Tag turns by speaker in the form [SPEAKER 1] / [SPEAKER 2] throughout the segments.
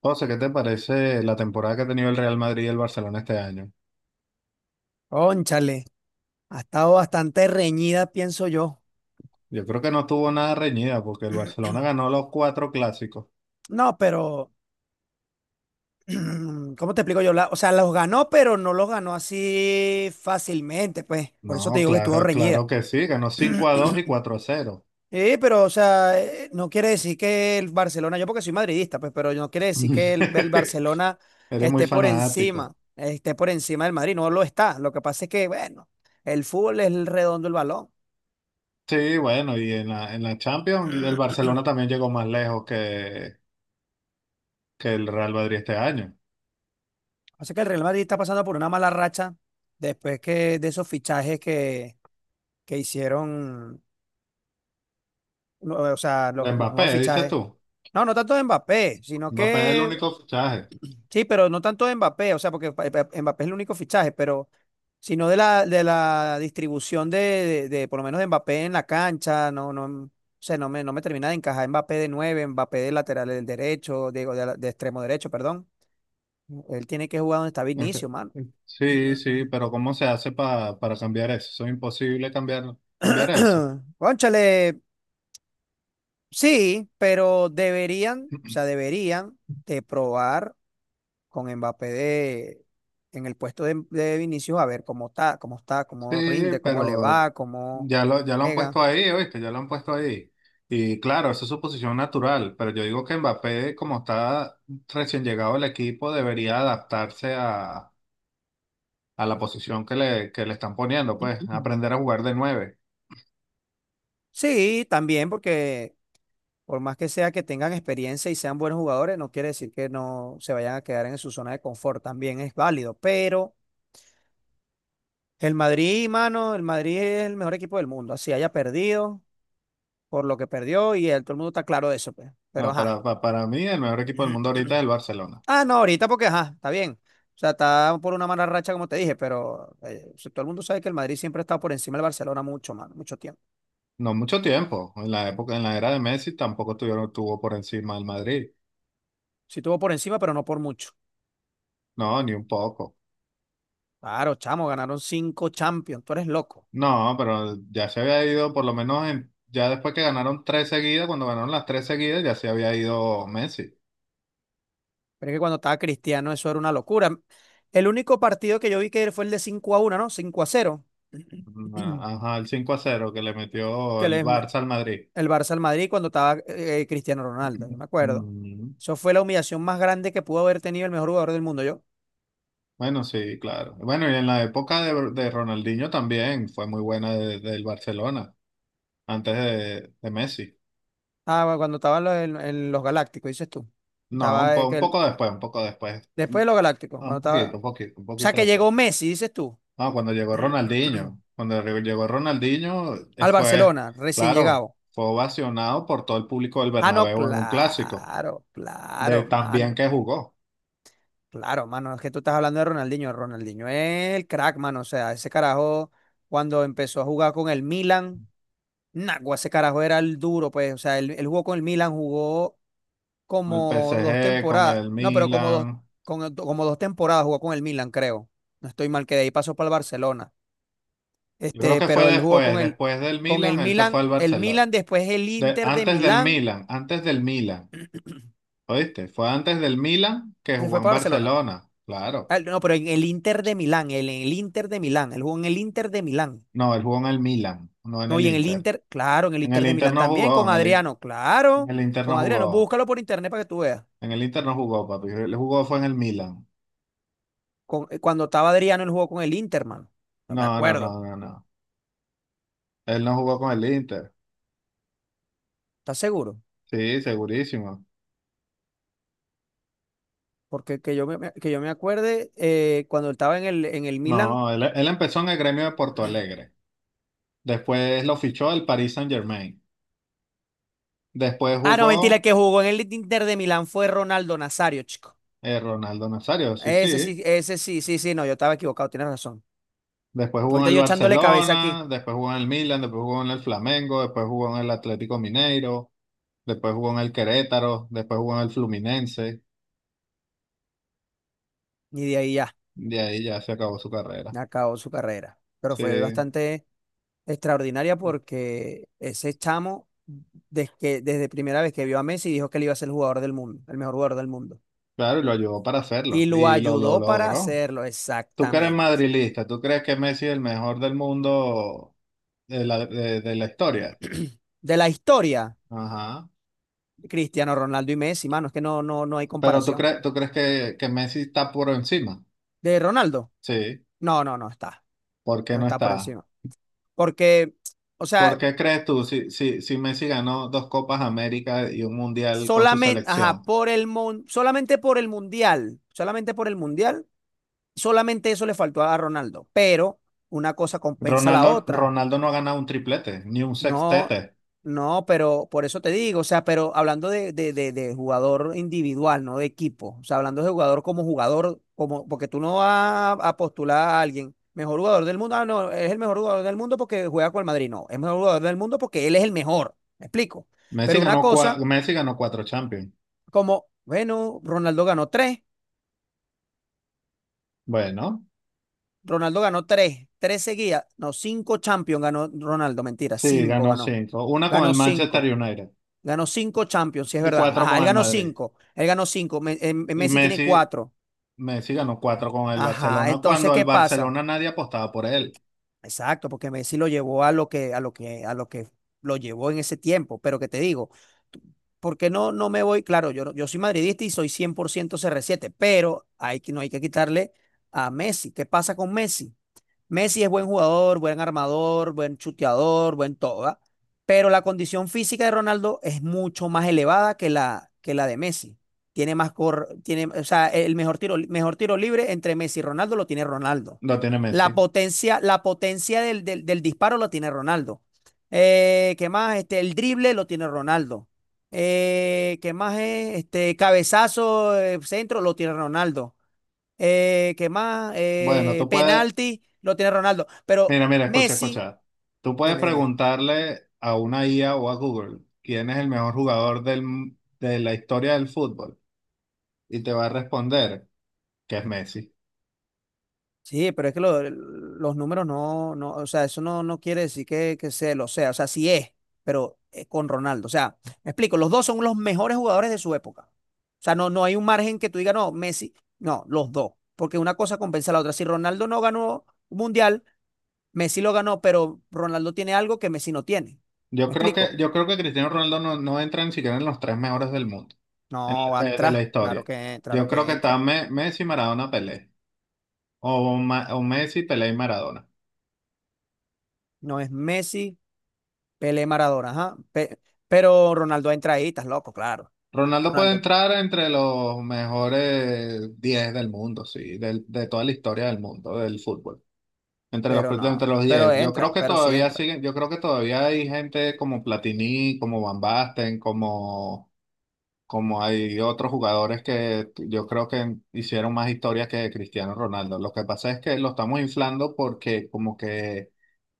[SPEAKER 1] José, ¿qué te parece la temporada que ha tenido el Real Madrid y el Barcelona este año?
[SPEAKER 2] Cónchale, ha estado bastante reñida, pienso yo.
[SPEAKER 1] Yo creo que no estuvo nada reñida porque el Barcelona ganó los cuatro clásicos.
[SPEAKER 2] No, pero, ¿cómo te explico yo? O sea, los ganó, pero no los ganó así fácilmente, pues. Por eso te
[SPEAKER 1] No,
[SPEAKER 2] digo que estuvo
[SPEAKER 1] claro, claro
[SPEAKER 2] reñida.
[SPEAKER 1] que sí, ganó 5-2 y 4-0.
[SPEAKER 2] Sí, pero, o sea, no quiere decir que el Barcelona, yo porque soy madridista, pues, pero no quiere decir que el Barcelona
[SPEAKER 1] Eres muy
[SPEAKER 2] esté por encima,
[SPEAKER 1] fanático.
[SPEAKER 2] del Madrid, no lo está. Lo que pasa es que, bueno, el fútbol es el redondo el balón.
[SPEAKER 1] Sí, bueno, y en la Champions el Barcelona también llegó más lejos que el Real Madrid este año.
[SPEAKER 2] O sea que el Real Madrid está pasando por una mala racha después que de esos fichajes que hicieron, no, o sea,
[SPEAKER 1] De
[SPEAKER 2] los nuevos
[SPEAKER 1] Mbappé, dices
[SPEAKER 2] fichajes.
[SPEAKER 1] tú.
[SPEAKER 2] No, no tanto de Mbappé, sino
[SPEAKER 1] Mbappé es el
[SPEAKER 2] que
[SPEAKER 1] único fichaje.
[SPEAKER 2] sí, pero no tanto de Mbappé, o sea, porque Mbappé es el único fichaje, pero sino de la distribución por lo menos de Mbappé en la cancha, o sea, no me termina de encajar Mbappé de nueve, Mbappé de lateral del derecho, digo, de extremo derecho, perdón. Él tiene que jugar donde está
[SPEAKER 1] Este-
[SPEAKER 2] Vinicio, mano.
[SPEAKER 1] Sí, sí, pero ¿cómo se hace para cambiar eso? Eso es imposible cambiar, cambiar eso.
[SPEAKER 2] Cónchale, sí, pero deberían, o sea, deberían de probar con Mbappé de, en el puesto de Vinicius, a ver cómo está, cómo
[SPEAKER 1] Sí,
[SPEAKER 2] rinde, cómo le
[SPEAKER 1] pero
[SPEAKER 2] va, cómo
[SPEAKER 1] ya lo han puesto
[SPEAKER 2] pega.
[SPEAKER 1] ahí, ¿oíste? Ya lo han puesto ahí. Y claro, esa es su posición natural, pero yo digo que Mbappé, como está recién llegado al equipo, debería adaptarse a la posición que le están poniendo, pues,
[SPEAKER 2] Ujú.
[SPEAKER 1] aprender a jugar de nueve.
[SPEAKER 2] Sí, también porque por más que sea que tengan experiencia y sean buenos jugadores, no quiere decir que no se vayan a quedar en su zona de confort, también es válido, pero el Madrid, mano, el Madrid es el mejor equipo del mundo, así haya perdido, por lo que perdió y el, todo el mundo está claro de eso, pues. Pero
[SPEAKER 1] No,
[SPEAKER 2] ajá.
[SPEAKER 1] para mí, el mejor equipo del mundo ahorita es el Barcelona.
[SPEAKER 2] Ah, no, ahorita porque ajá, está bien. O sea, está por una mala racha, como te dije, pero si todo el mundo sabe que el Madrid siempre ha estado por encima del Barcelona mucho, más, mucho tiempo.
[SPEAKER 1] No mucho tiempo, en la era de Messi tampoco tuvo por encima el Madrid.
[SPEAKER 2] Sí estuvo por encima, pero no por mucho.
[SPEAKER 1] No, ni un poco.
[SPEAKER 2] Claro, chamo, ganaron cinco Champions, tú eres loco.
[SPEAKER 1] No, pero ya se había ido, por lo menos ya después que ganaron tres seguidas, cuando ganaron las tres seguidas, ya se había ido Messi.
[SPEAKER 2] Pero es que cuando estaba Cristiano eso era una locura. El único partido que yo vi que fue el de 5-1, ¿no? 5-0.
[SPEAKER 1] Ah, ajá, el 5-0 que le metió
[SPEAKER 2] Que
[SPEAKER 1] el
[SPEAKER 2] les,
[SPEAKER 1] Barça al Madrid.
[SPEAKER 2] el Barça al Madrid cuando estaba Cristiano Ronaldo, yo me acuerdo.
[SPEAKER 1] Mm.
[SPEAKER 2] Eso fue la humillación más grande que pudo haber tenido el mejor jugador del mundo, yo.
[SPEAKER 1] Bueno, sí, claro. Bueno, y en la época de Ronaldinho también fue muy buena del Barcelona, antes de Messi.
[SPEAKER 2] Ah, bueno, cuando estaba en los Galácticos, dices tú.
[SPEAKER 1] No,
[SPEAKER 2] Estaba
[SPEAKER 1] un poco después, un poco después.
[SPEAKER 2] después de los Galácticos, cuando
[SPEAKER 1] Un
[SPEAKER 2] estaba.
[SPEAKER 1] poquito,
[SPEAKER 2] O
[SPEAKER 1] un poquito, un
[SPEAKER 2] sea,
[SPEAKER 1] poquito
[SPEAKER 2] que
[SPEAKER 1] después.
[SPEAKER 2] llegó Messi, dices tú.
[SPEAKER 1] No, cuando llegó Ronaldinho,
[SPEAKER 2] Al
[SPEAKER 1] fue,
[SPEAKER 2] Barcelona, recién
[SPEAKER 1] claro,
[SPEAKER 2] llegado.
[SPEAKER 1] fue ovacionado por todo el público del
[SPEAKER 2] Ah, no,
[SPEAKER 1] Bernabéu en un clásico,
[SPEAKER 2] claro,
[SPEAKER 1] de
[SPEAKER 2] claro,
[SPEAKER 1] tan bien
[SPEAKER 2] mano.
[SPEAKER 1] que jugó,
[SPEAKER 2] Claro, mano. Es que tú estás hablando de Ronaldinho. Ronaldinho es el crack, mano. O sea, ese carajo, cuando empezó a jugar con el Milan. Nagua, ese carajo era el duro, pues. O sea, él jugó con el Milan, jugó
[SPEAKER 1] con el
[SPEAKER 2] como dos
[SPEAKER 1] PSG, con
[SPEAKER 2] temporadas.
[SPEAKER 1] el
[SPEAKER 2] No, pero como dos,
[SPEAKER 1] Milan.
[SPEAKER 2] como dos temporadas jugó con el Milan, creo. No estoy mal, que de ahí pasó para el Barcelona.
[SPEAKER 1] Yo creo
[SPEAKER 2] Este,
[SPEAKER 1] que fue
[SPEAKER 2] pero él jugó con el,
[SPEAKER 1] después del
[SPEAKER 2] con
[SPEAKER 1] Milan,
[SPEAKER 2] el
[SPEAKER 1] él se fue
[SPEAKER 2] Milan,
[SPEAKER 1] al Barcelona.
[SPEAKER 2] Después el Inter de
[SPEAKER 1] Antes del
[SPEAKER 2] Milán,
[SPEAKER 1] Milan, antes del Milan, ¿oíste? Fue antes del Milan que
[SPEAKER 2] se fue
[SPEAKER 1] jugó en
[SPEAKER 2] para Barcelona.
[SPEAKER 1] Barcelona, claro.
[SPEAKER 2] Ah, no, pero en el Inter de Milán, él en el Inter de Milán, él jugó en el Inter de Milán.
[SPEAKER 1] No, él jugó en el Milan, no en
[SPEAKER 2] No,
[SPEAKER 1] el
[SPEAKER 2] y en el
[SPEAKER 1] Inter.
[SPEAKER 2] Inter, claro, en el
[SPEAKER 1] En el
[SPEAKER 2] Inter de
[SPEAKER 1] Inter
[SPEAKER 2] Milán
[SPEAKER 1] no
[SPEAKER 2] también,
[SPEAKER 1] jugó,
[SPEAKER 2] con
[SPEAKER 1] en el,
[SPEAKER 2] Adriano,
[SPEAKER 1] en
[SPEAKER 2] claro,
[SPEAKER 1] el Inter no
[SPEAKER 2] con Adriano,
[SPEAKER 1] jugó.
[SPEAKER 2] búscalo por internet para que tú veas.
[SPEAKER 1] En el Inter no jugó, papi. Él jugó fue en el Milan.
[SPEAKER 2] Cuando estaba Adriano, él jugó con el Inter, mano. No me
[SPEAKER 1] No, no,
[SPEAKER 2] acuerdo.
[SPEAKER 1] no, no, no. Él no jugó con el Inter.
[SPEAKER 2] ¿Estás seguro?
[SPEAKER 1] Sí, segurísimo.
[SPEAKER 2] Porque que yo me acuerde, cuando él estaba en el Milan.
[SPEAKER 1] No, él empezó en el Gremio de Porto Alegre. Después lo fichó el Paris Saint-Germain. Después
[SPEAKER 2] Ah, no, mentira, el
[SPEAKER 1] jugó
[SPEAKER 2] que jugó en el Inter de Milán fue Ronaldo Nazario, chico.
[SPEAKER 1] Ronaldo Nazario, sí, sí.
[SPEAKER 2] Ese sí, sí, sí, no, yo estaba equivocado, tienes razón.
[SPEAKER 1] Después jugó en
[SPEAKER 2] Ahorita
[SPEAKER 1] el
[SPEAKER 2] yo echándole cabeza aquí,
[SPEAKER 1] Barcelona, después jugó en el Milan, después jugó en el Flamengo, después jugó en el Atlético Mineiro, después jugó en el Querétaro, después jugó en el Fluminense.
[SPEAKER 2] y de ahí ya,
[SPEAKER 1] De ahí ya se acabó su carrera.
[SPEAKER 2] acabó su carrera. Pero fue
[SPEAKER 1] Sí.
[SPEAKER 2] bastante extraordinaria porque ese chamo, desde primera vez que vio a Messi, dijo que él iba a ser el jugador del mundo, el mejor jugador del mundo.
[SPEAKER 1] Claro, y lo ayudó para hacerlo
[SPEAKER 2] Y lo
[SPEAKER 1] y lo
[SPEAKER 2] ayudó para
[SPEAKER 1] logró.
[SPEAKER 2] hacerlo,
[SPEAKER 1] ¿Tú que eres
[SPEAKER 2] exactamente.
[SPEAKER 1] madrilista? ¿Tú crees que Messi es el mejor del mundo de la historia?
[SPEAKER 2] De la historia,
[SPEAKER 1] Ajá.
[SPEAKER 2] Cristiano Ronaldo y Messi, mano, es que no hay
[SPEAKER 1] Pero tú
[SPEAKER 2] comparación.
[SPEAKER 1] crees, tú crees que Messi está por encima.
[SPEAKER 2] De Ronaldo,
[SPEAKER 1] Sí.
[SPEAKER 2] no, no, no está,
[SPEAKER 1] ¿Por qué
[SPEAKER 2] no
[SPEAKER 1] no
[SPEAKER 2] está por
[SPEAKER 1] está?
[SPEAKER 2] encima. Porque, o
[SPEAKER 1] ¿Por
[SPEAKER 2] sea,
[SPEAKER 1] qué crees tú si Messi ganó dos Copas América y un Mundial con su
[SPEAKER 2] solamente, ajá,
[SPEAKER 1] selección?
[SPEAKER 2] por el solamente por el mundial, solamente eso le faltó a Ronaldo. Pero una cosa compensa la
[SPEAKER 1] Ronaldo,
[SPEAKER 2] otra.
[SPEAKER 1] Ronaldo no ha ganado un triplete ni un
[SPEAKER 2] No,
[SPEAKER 1] sextete.
[SPEAKER 2] no, pero por eso te digo, o sea, pero hablando de jugador individual, no de equipo, o sea, hablando de jugador, como, porque tú no vas a postular a alguien, mejor jugador del mundo, ah, no, es el mejor jugador del mundo porque juega con el Madrid, no, es mejor jugador del mundo porque él es el mejor, me explico. Pero una cosa,
[SPEAKER 1] Messi ganó cuatro Champions.
[SPEAKER 2] como, bueno,
[SPEAKER 1] Bueno,
[SPEAKER 2] Ronaldo ganó tres, tres seguidas, no, cinco Champions ganó Ronaldo, mentira,
[SPEAKER 1] sí,
[SPEAKER 2] cinco
[SPEAKER 1] ganó
[SPEAKER 2] ganó,
[SPEAKER 1] cinco. Una con el
[SPEAKER 2] ganó
[SPEAKER 1] Manchester
[SPEAKER 2] cinco.
[SPEAKER 1] United.
[SPEAKER 2] Ganó cinco Champions, sí es
[SPEAKER 1] Y
[SPEAKER 2] verdad.
[SPEAKER 1] cuatro
[SPEAKER 2] Ajá, él
[SPEAKER 1] con el
[SPEAKER 2] ganó
[SPEAKER 1] Madrid.
[SPEAKER 2] cinco. Él ganó cinco.
[SPEAKER 1] Y
[SPEAKER 2] Messi tiene
[SPEAKER 1] Messi,
[SPEAKER 2] cuatro.
[SPEAKER 1] Messi ganó cuatro con el
[SPEAKER 2] Ajá.
[SPEAKER 1] Barcelona
[SPEAKER 2] Entonces,
[SPEAKER 1] cuando el
[SPEAKER 2] ¿qué pasa?
[SPEAKER 1] Barcelona nadie apostaba por él.
[SPEAKER 2] Exacto, porque Messi lo llevó a lo que, a lo que, a lo que lo llevó en ese tiempo. Pero que te digo, tú- ¿por qué no, no me voy? Claro, yo, yo soy madridista y soy 100% CR7, pero hay que, no hay que quitarle a Messi. ¿Qué pasa con Messi? Messi es buen jugador, buen armador, buen chuteador, buen todo, ¿verdad? Pero la condición física de Ronaldo es mucho más elevada que la de Messi. Tiene, o sea, el mejor tiro libre entre Messi y Ronaldo lo tiene Ronaldo.
[SPEAKER 1] Lo tiene
[SPEAKER 2] La
[SPEAKER 1] Messi.
[SPEAKER 2] potencia, la potencia del disparo lo tiene Ronaldo. ¿Qué más? Este, el drible lo tiene Ronaldo. ¿Qué más es? Este, cabezazo, centro lo tiene Ronaldo. ¿Qué más?
[SPEAKER 1] Bueno,
[SPEAKER 2] Penalti, lo tiene Ronaldo. Pero
[SPEAKER 1] mira, mira, escucha,
[SPEAKER 2] Messi,
[SPEAKER 1] escucha. Tú puedes
[SPEAKER 2] dime, dime.
[SPEAKER 1] preguntarle a una IA o a Google quién es el mejor jugador de la historia del fútbol y te va a responder que es Messi.
[SPEAKER 2] Sí, pero es que los números no, no, o sea, eso no, no quiere decir que se lo sea. O sea, sí es, pero es con Ronaldo. O sea, me explico, los dos son los mejores jugadores de su época. O sea, no, no hay un margen que tú digas, no, Messi, no, los dos. Porque una cosa compensa a la otra. Si Ronaldo no ganó un mundial, Messi lo ganó, pero Ronaldo tiene algo que Messi no tiene.
[SPEAKER 1] Yo
[SPEAKER 2] ¿Me
[SPEAKER 1] creo que,
[SPEAKER 2] explico?
[SPEAKER 1] yo creo que Cristiano Ronaldo no entra ni siquiera en los tres mejores del mundo, en
[SPEAKER 2] No,
[SPEAKER 1] la-
[SPEAKER 2] va a
[SPEAKER 1] de, de la
[SPEAKER 2] entrar. Claro
[SPEAKER 1] historia.
[SPEAKER 2] que, claro
[SPEAKER 1] Yo creo
[SPEAKER 2] que
[SPEAKER 1] que está
[SPEAKER 2] entra.
[SPEAKER 1] Messi, Maradona, Pelé. O Messi, Pelé y Maradona.
[SPEAKER 2] No es Messi, Pelé, Maradona, ajá. Pero Ronaldo entra ahí, estás loco, claro.
[SPEAKER 1] Ronaldo puede
[SPEAKER 2] Ronaldo entra.
[SPEAKER 1] entrar entre los mejores 10 del mundo, sí, de toda la historia del mundo, del fútbol. Entre los,
[SPEAKER 2] Pero no,
[SPEAKER 1] entre los
[SPEAKER 2] pero
[SPEAKER 1] 10.
[SPEAKER 2] entra, pero sí entra.
[SPEAKER 1] Yo creo que todavía hay gente como Platini, como Van Basten, como hay otros jugadores que yo creo que hicieron más historia que Cristiano Ronaldo. Lo que pasa es que lo estamos inflando porque como que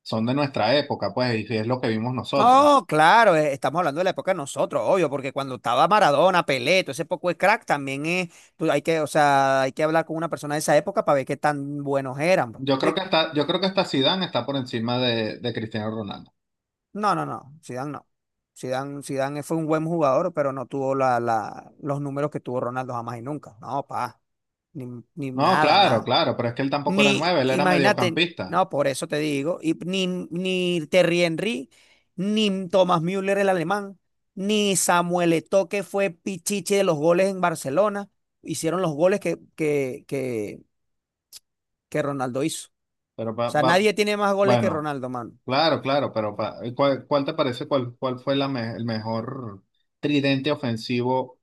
[SPEAKER 1] son de nuestra época, pues, y es lo que vimos nosotros.
[SPEAKER 2] No, claro, estamos hablando de la época de nosotros, obvio, porque cuando estaba Maradona, Pelé, todo ese poco de crack, también es, hay que, o sea, hay que hablar con una persona de esa época para ver qué tan buenos eran, ¿me
[SPEAKER 1] Yo creo que
[SPEAKER 2] explico?
[SPEAKER 1] hasta, yo creo que hasta Zidane está por encima de Cristiano Ronaldo.
[SPEAKER 2] No, no, no, Zidane no. Zidane fue un buen jugador, pero no tuvo los números que tuvo Ronaldo jamás y nunca. No, pa, ni, ni
[SPEAKER 1] No,
[SPEAKER 2] nada,
[SPEAKER 1] claro,
[SPEAKER 2] nada.
[SPEAKER 1] claro, pero es que él tampoco era nueve,
[SPEAKER 2] Ni,
[SPEAKER 1] él era
[SPEAKER 2] imagínate,
[SPEAKER 1] mediocampista.
[SPEAKER 2] no, por eso te digo, ni Thierry Henry, ni Thomas Müller el alemán, ni Samuel Eto'o que fue pichiche de los goles en Barcelona, hicieron los goles que Ronaldo hizo.
[SPEAKER 1] Pero
[SPEAKER 2] O
[SPEAKER 1] pa-
[SPEAKER 2] sea,
[SPEAKER 1] pa-
[SPEAKER 2] nadie tiene más goles que
[SPEAKER 1] bueno,
[SPEAKER 2] Ronaldo, mano.
[SPEAKER 1] claro, claro, pero ¿cuál te parece, cuál fue el mejor tridente ofensivo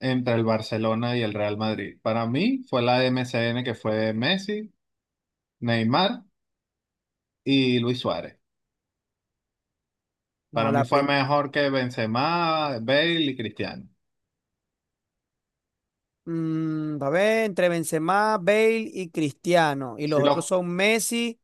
[SPEAKER 1] entre el Barcelona y el Real Madrid? Para mí fue la MCN que fue Messi, Neymar y Luis Suárez.
[SPEAKER 2] No,
[SPEAKER 1] Para mí fue mejor que Benzema, Bale y Cristiano.
[SPEAKER 2] A ver, entre Benzema, Bale y Cristiano, y
[SPEAKER 1] Sí,
[SPEAKER 2] los otros
[SPEAKER 1] los
[SPEAKER 2] son Messi.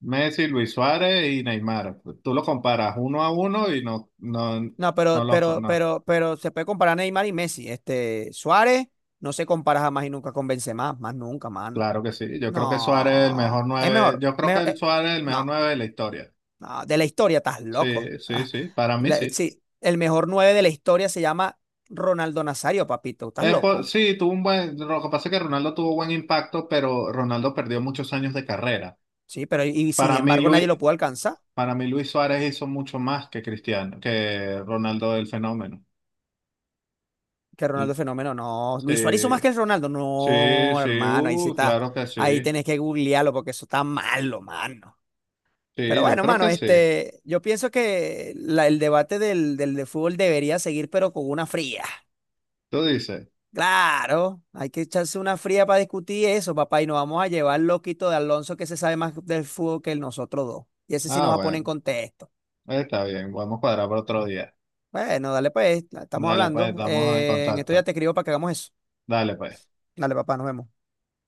[SPEAKER 1] Messi, Luis Suárez y Neymar. Tú lo comparas uno a uno y no, no,
[SPEAKER 2] No,
[SPEAKER 1] no
[SPEAKER 2] pero,
[SPEAKER 1] los
[SPEAKER 2] pero,
[SPEAKER 1] no.
[SPEAKER 2] pero, pero se puede comparar a Neymar y Messi. Este, Suárez no se compara jamás y nunca con Benzema, más nunca, mano.
[SPEAKER 1] Claro que sí. Yo creo que Suárez es el mejor
[SPEAKER 2] No, es
[SPEAKER 1] nueve.
[SPEAKER 2] mejor.
[SPEAKER 1] Yo creo que
[SPEAKER 2] mejor,
[SPEAKER 1] el Suárez es el mejor
[SPEAKER 2] no,
[SPEAKER 1] nueve de la historia.
[SPEAKER 2] no, de la historia, estás loco.
[SPEAKER 1] Sí, sí, sí. Para mí sí.
[SPEAKER 2] Sí, el mejor nueve de la historia se llama Ronaldo Nazario, papito, estás loco.
[SPEAKER 1] Sí, tuvo un buen. Lo que pasa es que Ronaldo tuvo buen impacto, pero Ronaldo perdió muchos años de carrera.
[SPEAKER 2] Sí, pero y sin
[SPEAKER 1] Para mí,
[SPEAKER 2] embargo nadie lo
[SPEAKER 1] Luis,
[SPEAKER 2] pudo alcanzar.
[SPEAKER 1] para mí, Luis Suárez hizo mucho más que Cristiano, que Ronaldo el fenómeno.
[SPEAKER 2] Que Ronaldo
[SPEAKER 1] L-
[SPEAKER 2] es fenómeno, no. Luis Suárez hizo más que
[SPEAKER 1] Sí,
[SPEAKER 2] el Ronaldo,
[SPEAKER 1] sí,
[SPEAKER 2] no,
[SPEAKER 1] sí.
[SPEAKER 2] hermano, ahí sí está.
[SPEAKER 1] Claro que sí.
[SPEAKER 2] Ahí tenés que googlearlo porque eso está malo, mano. Pero
[SPEAKER 1] Sí, yo
[SPEAKER 2] bueno,
[SPEAKER 1] creo
[SPEAKER 2] mano,
[SPEAKER 1] que sí.
[SPEAKER 2] este, yo pienso que el debate del de fútbol debería seguir, pero con una fría.
[SPEAKER 1] Tú dices.
[SPEAKER 2] Claro, hay que echarse una fría para discutir eso, papá, y nos vamos a llevar al loquito de Alonso que se sabe más del fútbol que nosotros dos. Y ese sí nos
[SPEAKER 1] Ah,
[SPEAKER 2] va a poner en
[SPEAKER 1] bueno.
[SPEAKER 2] contexto.
[SPEAKER 1] Está bien. Vamos a cuadrar para otro día.
[SPEAKER 2] Bueno, dale pues, estamos
[SPEAKER 1] Dale, pues,
[SPEAKER 2] hablando.
[SPEAKER 1] estamos en
[SPEAKER 2] En esto ya
[SPEAKER 1] contacto.
[SPEAKER 2] te escribo para que hagamos eso.
[SPEAKER 1] Dale, pues.
[SPEAKER 2] Dale, papá, nos vemos.